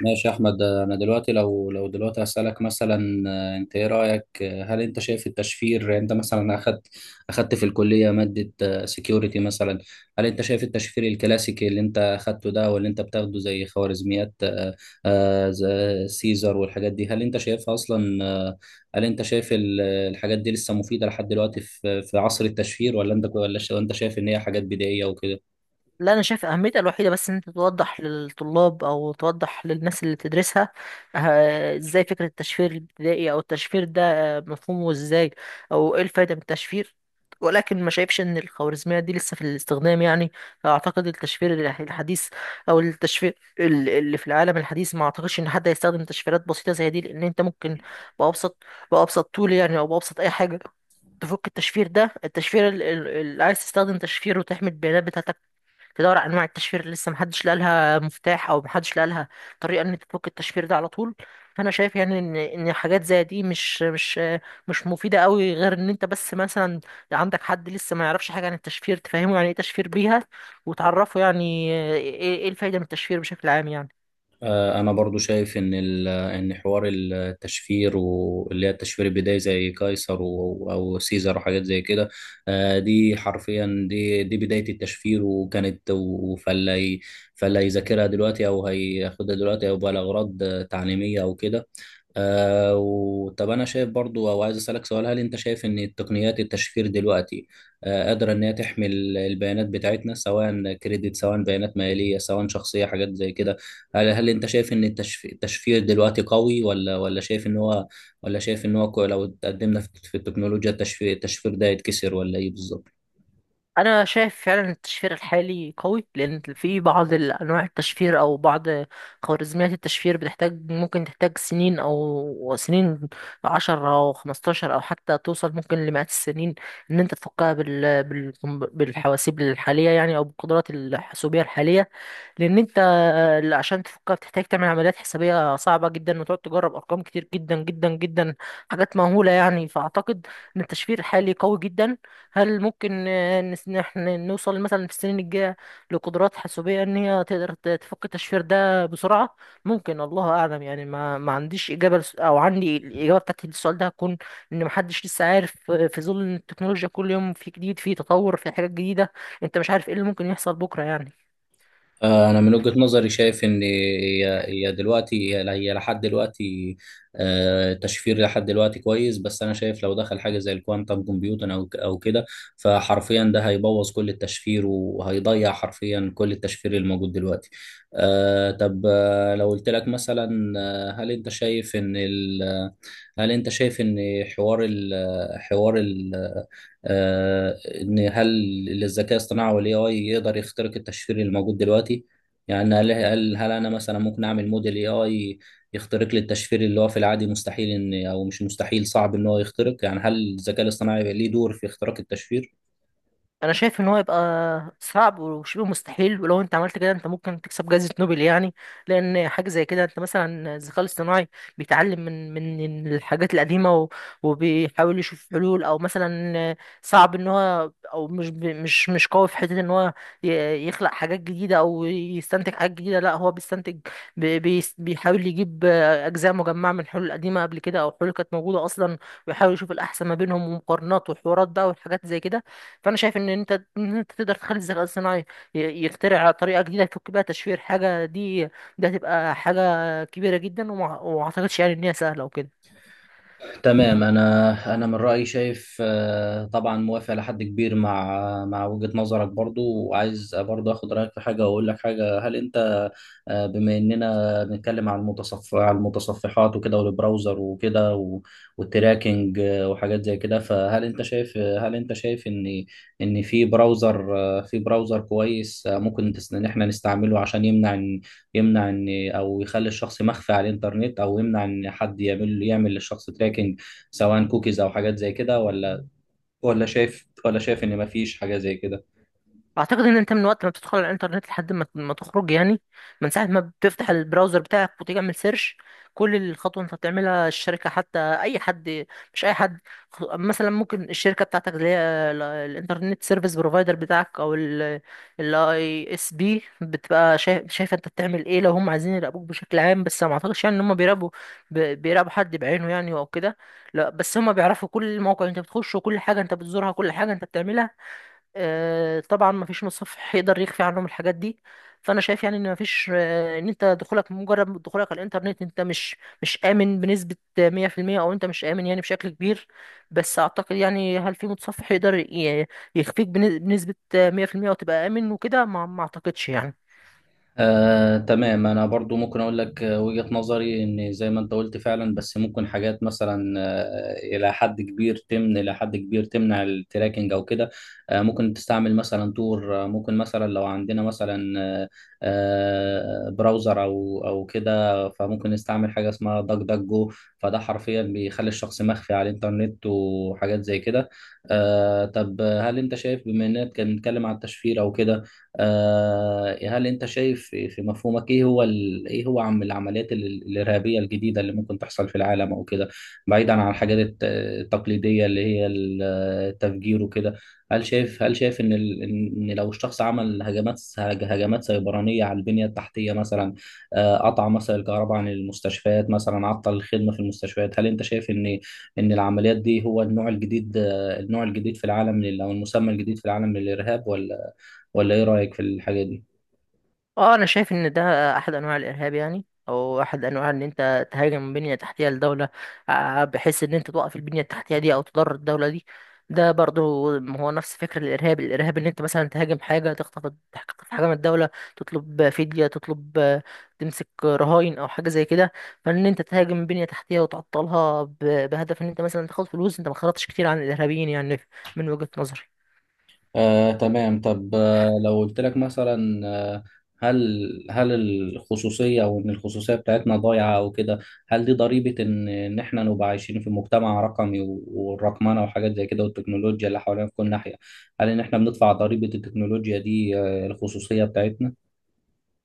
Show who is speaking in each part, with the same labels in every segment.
Speaker 1: ماشي يا احمد. انا دلوقتي لو دلوقتي هسألك مثلا، انت ايه رأيك؟ هل انت شايف التشفير، يعني انت مثلا اخدت في الكلية مادة سكيورتي مثلا؟ هل انت شايف التشفير الكلاسيكي اللي انت اخدته ده واللي انت بتاخده زي خوارزميات، زي سيزر والحاجات دي، هل انت شايفها اصلا هل انت شايف الحاجات دي لسه مفيدة لحد دلوقتي في في عصر التشفير؟ ولا انت، ولا انت شايف ان هي حاجات بدائية وكده؟
Speaker 2: لا، انا شايف اهميتها الوحيده بس ان انت توضح للطلاب او توضح للناس اللي بتدرسها. ازاي فكره التشفير الابتدائي او التشفير ده مفهومه ازاي؟ او ايه الفايده من التشفير؟ ولكن ما شايفش ان الخوارزميه دي لسه في الاستخدام يعني. اعتقد التشفير الحديث، او التشفير اللي في العالم الحديث، ما اعتقدش ان حد هيستخدم تشفيرات بسيطه زي دي، لان انت ممكن بابسط بابسط طول يعني، او بابسط اي حاجه تفك التشفير ده. التشفير اللي عايز تستخدم تشفير وتحمي البيانات بتاعتك، تدور على انواع التشفير اللي لسه محدش لقى لها مفتاح، او محدش لقى لها طريقه ان انت تفك التشفير ده على طول. فانا شايف يعني ان حاجات زي دي مش مفيده قوي، غير ان انت بس مثلا عندك حد لسه ما يعرفش حاجه عن التشفير تفهمه يعني ايه تشفير بيها، وتعرفه يعني ايه إيه الفايده من التشفير بشكل عام يعني.
Speaker 1: انا برضو شايف ان ان حوار التشفير، واللي هي التشفير البدائي زي قيصر او سيزر وحاجات زي كده، دي حرفيا دي بدايه التشفير وكانت فاللي هيذاكرها دلوقتي او هياخدها دلوقتي او بقى لاغراض تعليميه او كده. وطب انا شايف برضو، او عايز اسالك سؤال، هل انت شايف ان تقنيات التشفير دلوقتي قادره ان هي تحمي البيانات بتاعتنا، سواء كريدت، سواء بيانات ماليه، سواء شخصيه، حاجات زي كده؟ هل انت شايف ان التشفير دلوقتي قوي، ولا شايف ان هو، ولا شايف ان هو لو اتقدمنا في في التكنولوجيا، التشفير التشفير ده يتكسر، ولا ايه بالظبط؟
Speaker 2: انا شايف فعلا التشفير الحالي قوي، لان في بعض انواع التشفير، او بعض خوارزميات التشفير بتحتاج، ممكن تحتاج سنين، او سنين 10 او 15، او حتى توصل ممكن لمئات السنين، ان انت تفكها بالحواسيب الحاليه يعني، او بالقدرات الحاسوبيه الحاليه. لان انت، عشان تفكها بتحتاج تعمل عمليات حسابيه صعبه جدا، وتقعد تجرب ارقام كتير جدا جدا جدا، حاجات مهوله يعني. فاعتقد ان التشفير الحالي قوي جدا. هل ممكن نحن نوصل مثلا في السنين الجاية لقدرات حاسوبية ان هي تقدر تفك التشفير ده بسرعة؟ ممكن. الله اعلم يعني. ما عنديش اجابة، او عندي الاجابة بتاعت السؤال ده، هتكون ان محدش لسه عارف. في ظل ان التكنولوجيا كل يوم في جديد، في تطور، في حاجات جديدة، انت مش عارف ايه اللي ممكن يحصل بكرة يعني.
Speaker 1: أنا من وجهة نظري شايف إن هي دلوقتي، هي لحد دلوقتي، تشفير لحد دلوقتي كويس، بس أنا شايف لو دخل حاجة زي الكوانتم كومبيوتر أو أو كده، فحرفيا ده هيبوظ كل التشفير وهيضيع حرفيا كل التشفير الموجود دلوقتي. طب، لو قلت لك مثلا، هل أنت شايف إن هل أنت شايف إن حوار ال حوار ال آه، ان هل الذكاء الاصطناعي والاي اي يقدر يخترق التشفير الموجود دلوقتي؟ يعني هل انا مثلا ممكن اعمل موديل اي اي يخترق لي التشفير اللي هو في العادي مستحيل ان، او مش مستحيل، صعب ان هو يخترق؟ يعني هل الذكاء الاصطناعي ليه دور في اختراق التشفير؟
Speaker 2: انا شايف ان هو يبقى صعب وشبه مستحيل، ولو انت عملت كده انت ممكن تكسب جائزة نوبل يعني. لان حاجة زي كده، انت مثلا الذكاء الاصطناعي بيتعلم من الحاجات القديمة وبيحاول يشوف حلول، او مثلا صعب ان هو، او مش ب- مش مش قوي في حتة ان هو يخلق حاجات جديدة او يستنتج حاجات جديدة. لا، هو بيستنتج، بيحاول يجيب اجزاء مجمعة من حلول قديمة قبل كده، او حلول كانت موجودة اصلا، ويحاول يشوف الاحسن ما بينهم، ومقارنات وحوارات بقى وحاجات زي كده. فانا شايف ان انت، ان انت تقدر تخلي الذكاء الصناعي يخترع طريقه جديده يفك بيها تشفير حاجه دي، ده هتبقى حاجه كبيره جدا، وما اعتقدش يعني ان هي سهله وكده.
Speaker 1: تمام. انا من رايي شايف، طبعا موافق لحد كبير مع مع وجهه نظرك برضو، وعايز برضو اخد رايك في حاجه واقول لك حاجه. هل انت، بما اننا بنتكلم عن عن المتصفحات وكده والبراوزر وكده والتراكنج وحاجات زي كده، فهل انت شايف هل انت شايف ان ان في براوزر، في براوزر كويس ممكن ان احنا نستعمله عشان يمنع يمنع ان، او يخلي الشخص مخفي على الانترنت، او يمنع ان حد يعمل يعمل للشخص تراكنج سواء كوكيز او حاجات زي كده، ولا ولا شايف ولا شايف ان مفيش حاجة زي كده؟
Speaker 2: اعتقد ان انت من وقت ما بتدخل على الانترنت لحد ما تخرج يعني، من ساعه ما بتفتح البراوزر بتاعك وتعمل سيرش، كل الخطوه انت بتعملها الشركه، حتى اي حد، مش اي حد، مثلا ممكن الشركه بتاعتك اللي هي الانترنت سيرفيس بروفايدر بتاعك، او الاي اس بي، بتبقى شايفه انت بتعمل ايه لو هم عايزين يراقبوك بشكل عام. بس ما اعتقدش يعني ان هم بيراقبوا، بيراقبوا حد بعينه يعني او كده. لا، بس هم بيعرفوا كل موقع انت بتخشه، وكل حاجه انت بتزورها، كل حاجه انت بتعملها. طبعا، مفيش مصحف هيقدر يخفي عنهم الحاجات دي. فانا شايف يعني ان مفيش، ان انت دخولك، مجرد دخولك على الانترنت، انت مش امن بنسبة 100%، او انت مش امن يعني بشكل كبير. بس اعتقد يعني، هل في متصفح يقدر يخفيك بنسبة 100% وتبقى امن وكده؟ ما اعتقدش يعني.
Speaker 1: تمام، انا برضو ممكن اقول لك وجهة نظري ان زي ما انت قلت فعلا، بس ممكن حاجات مثلا الى حد كبير الى حد كبير تمنع التراكنج او كده. ممكن تستعمل مثلا تور، ممكن مثلا لو عندنا مثلا، براوزر او كده، فممكن نستعمل حاجة اسمها داك داك جو، فده حرفيا بيخلي الشخص مخفي على الانترنت وحاجات زي كده. طب هل انت شايف، بما اننا بنتكلم على التشفير او كده، هل انت شايف في في مفهومك ايه هو، ال... ايه هو العمليات الارهابيه الجديده اللي ممكن تحصل في العالم او كده، بعيدا عن الحاجات التقليديه اللي هي التفجير وكده؟ هل شايف هل شايف ان، ال... ان لو الشخص عمل هجمات هجمات سيبرانيه على البنيه التحتيه مثلا، قطع مثلا الكهرباء عن المستشفيات مثلا، عطل الخدمه في المستشفيات، هل انت شايف ان ان العمليات دي هو النوع الجديد، النوع الجديد في العالم او المسمى الجديد في العالم للارهاب، ولا ايه رأيك في الحاجة دي؟
Speaker 2: اه، انا شايف ان ده احد انواع الارهاب يعني، او احد انواع ان انت تهاجم بنية تحتية لدولة، بحيث ان انت توقف البنية التحتية دي، او تضر الدولة دي. ده برضه هو نفس فكرة الارهاب ان انت مثلا تهاجم حاجة، تخطف حاجة من الدولة، تطلب فدية، تطلب آه، تمسك رهائن، او حاجة زي كده. فان انت تهاجم بنية تحتية وتعطلها بهدف ان انت مثلا تاخد فلوس، انت ما خرجتش كتير عن الارهابيين يعني، من وجهة نظري.
Speaker 1: تمام. طب لو قلت لك مثلا، هل هل الخصوصية، او ان الخصوصية بتاعتنا ضايعة او كده، هل دي ضريبة ان ان احنا نبقى عايشين في مجتمع رقمي والرقمنة وحاجات زي كده والتكنولوجيا اللي حوالينا في كل ناحية؟ هل ان احنا بندفع ضريبة التكنولوجيا دي الخصوصية بتاعتنا؟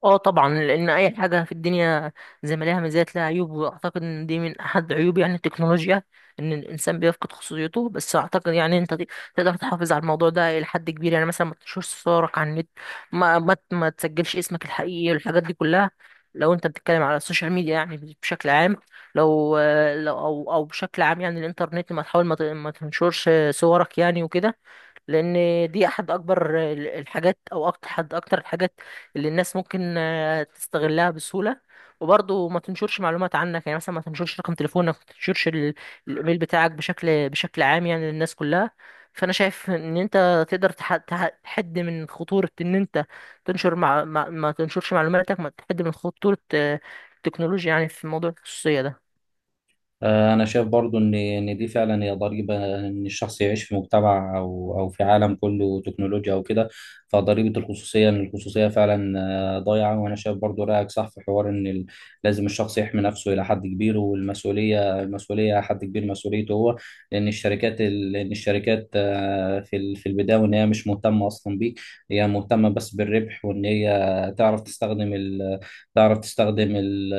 Speaker 2: اه طبعا، لان اي حاجه في الدنيا زي ما ليها مزايا لها عيوب، واعتقد ان دي من احد عيوب يعني التكنولوجيا، ان الانسان بيفقد خصوصيته. بس اعتقد يعني انت تقدر تحافظ على الموضوع ده الى حد كبير يعني. مثلا ما تنشرش صورك على النت، ما تسجلش اسمك الحقيقي والحاجات دي كلها، لو انت بتتكلم على السوشيال ميديا يعني بشكل عام. لو لو او او بشكل عام يعني الانترنت، ما تحاول، ما تنشرش صورك يعني وكده، لان دي احد اكبر الحاجات، او أكتر، احد اكتر الحاجات اللي الناس ممكن تستغلها بسهولة. وبرضه ما تنشرش معلومات عنك، يعني مثلا ما تنشرش رقم تليفونك، ما تنشرش الايميل بتاعك بشكل عام يعني للناس كلها. فانا شايف ان انت تقدر تحد من خطورة ان انت تنشر، مع ما, ما تنشرش معلوماتك، ما تحد من خطورة التكنولوجيا يعني في موضوع الخصوصية ده.
Speaker 1: أنا شايف برضو إن إن دي فعلا هي ضريبة إن الشخص يعيش في مجتمع أو في عالم كله تكنولوجيا أو كده. فضريبة الخصوصية إن الخصوصية فعلا ضايعة. وأنا شايف برضو رأيك صح في حوار إن لازم الشخص يحمي نفسه إلى حد كبير، والمسؤولية، المسؤولية حد كبير مسؤوليته هو، لأن لأن الشركات في في البداية وإن هي مش مهتمة أصلا بيك، هي مهتمة بس بالربح وإن هي تعرف تستخدم، تعرف تستخدم ال-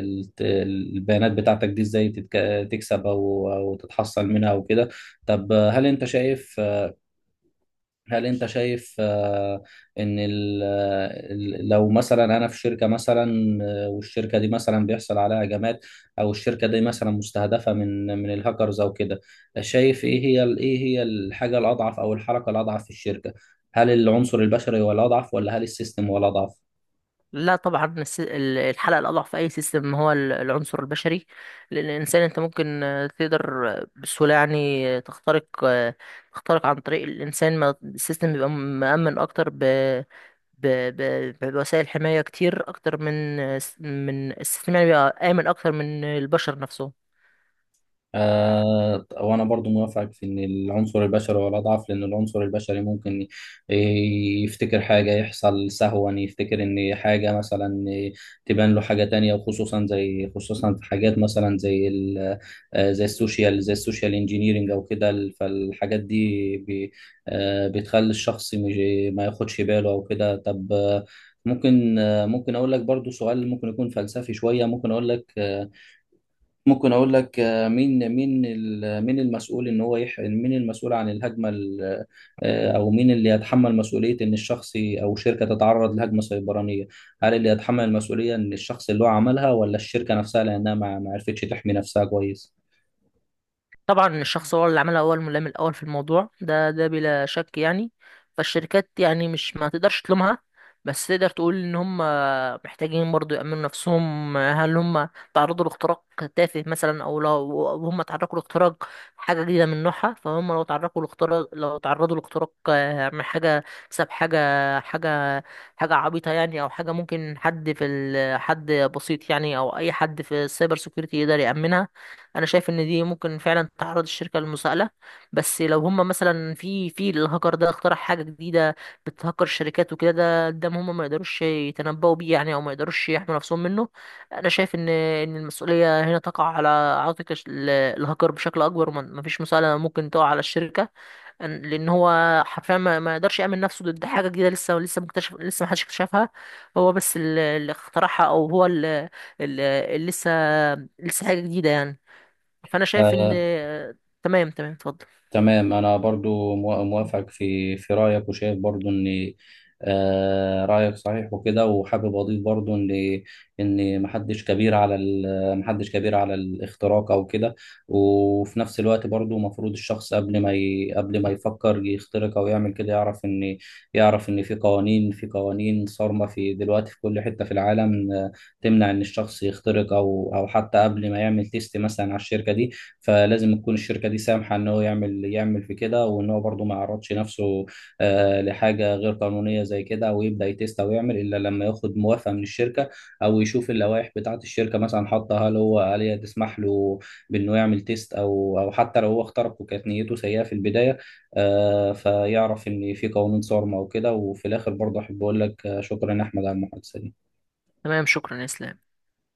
Speaker 1: ال- البيانات بتاعتك دي ازاي تكسب او تتحصل منها وكده. طب هل انت شايف، هل انت شايف ان لو مثلا انا في شركة مثلا، والشركة دي مثلا بيحصل عليها هجمات، او الشركة دي مثلا مستهدفة من من الهاكرز او كده، شايف ايه هي ايه هي الحاجة الاضعف او الحركة الاضعف في الشركة؟ هل العنصر البشري هو الاضعف، ولا هل السيستم هو الاضعف؟
Speaker 2: لا طبعا، الحلقة الأضعف في أي سيستم هو العنصر البشري. لأن الإنسان، أنت ممكن تقدر بسهولة يعني تخترق، تخترق عن طريق الإنسان. ما السيستم بيبقى مأمن أكتر ب ب ب بوسائل حماية كتير أكتر من، من السيستم يعني بيبقى آمن أكتر من البشر نفسهم.
Speaker 1: آه، وانا برضو موافقك في ان العنصر البشري هو الاضعف، لان العنصر البشري ممكن ي- يفتكر حاجه، يحصل سهوا، يفتكر ان حاجه مثلا تبان له حاجه تانية، وخصوصا زي، خصوصا في حاجات مثلا زي زي السوشيال، زي السوشيال انجينيرنج او كده فالحاجات دي بتخلي الشخص ما ياخدش باله او كده. طب، ممكن، ممكن اقول لك برضو سؤال ممكن يكون فلسفي شويه، ممكن اقول لك، ممكن اقول لك مين، مين المسؤول ان هو مين المسؤول عن الهجمه او مين اللي يتحمل مسؤوليه ان الشخص او شركه تتعرض لهجمه سيبرانيه؟ هل اللي يتحمل المسؤوليه ان الشخص اللي هو عملها، ولا الشركه نفسها لانها ما عرفتش تحمي نفسها كويس؟
Speaker 2: طبعا الشخص هو اللي عملها، هو الملام الاول في الموضوع ده بلا شك يعني. فالشركات يعني، مش ما تقدرش تلومها، بس تقدر تقول ان هم محتاجين برضو يأمنوا نفسهم. هل هم تعرضوا لاختراق تافه مثلا، او لو أو هم تعرضوا لاختراق حاجه جديده من نوعها؟ فهم لو تعرضوا لاختراق، لو تعرضوا لاختراق من حاجه، بسبب حاجه حاجه عبيطه يعني، او حاجه ممكن حد حد بسيط يعني، او اي حد في السايبر سيكيورتي يقدر يأمنها. انا شايف ان دي ممكن فعلا تعرض الشركه للمساءله. بس لو هم مثلا، في الهاكر ده اخترع حاجه جديده بتهكر الشركات وكده، ده قدام هم ما يقدروش يتنبؤوا بيه يعني، او ما يقدروش يحموا نفسهم منه. انا شايف ان ان المسؤوليه هنا تقع على عاتق الهاكر بشكل اكبر، وما فيش مساءله ممكن تقع على الشركه. لان هو حرفيا ما يقدرش يامن نفسه ضد حاجه جديده لسه، لسه مكتشف، لسه ما حدش اكتشفها. هو بس اللي اخترعها، اللي لسه، لسه حاجه جديده يعني. فانا شايف ان.
Speaker 1: آه،
Speaker 2: تمام تمام، اتفضل.
Speaker 1: تمام. انا برضو موافق في في رايك، وشايف برضو ان رايك صحيح وكده. وحابب اضيف برضو ان ان محدش كبير على الاختراق او كده، وفي نفس الوقت برضو المفروض الشخص قبل ما قبل ما يفكر يخترق او يعمل كده يعرف ان، يعرف ان في قوانين، في قوانين صارمة في دلوقتي في كل حتة في العالم، تمنع ان الشخص يخترق، او او حتى قبل ما يعمل تيست مثلا على الشركة دي، فلازم تكون الشركه دي سامحه ان هو يعمل، يعمل في كده، وان هو برضه ما يعرضش نفسه لحاجه غير قانونيه زي كده، او يبدا يتست او يعمل الا لما ياخد موافقه من الشركه، او يشوف اللوائح بتاعه الشركه مثلا حاطه، هل هو، هل هي تسمح له بانه يعمل تيست، او حتى لو هو اخترق وكانت نيته سيئه في البدايه، فيعرف ان في قوانين صارمه وكده. وفي الاخر برضه احب اقول لك شكرا يا احمد على المحادثه دي.
Speaker 2: تمام، شكرا يا اسلام.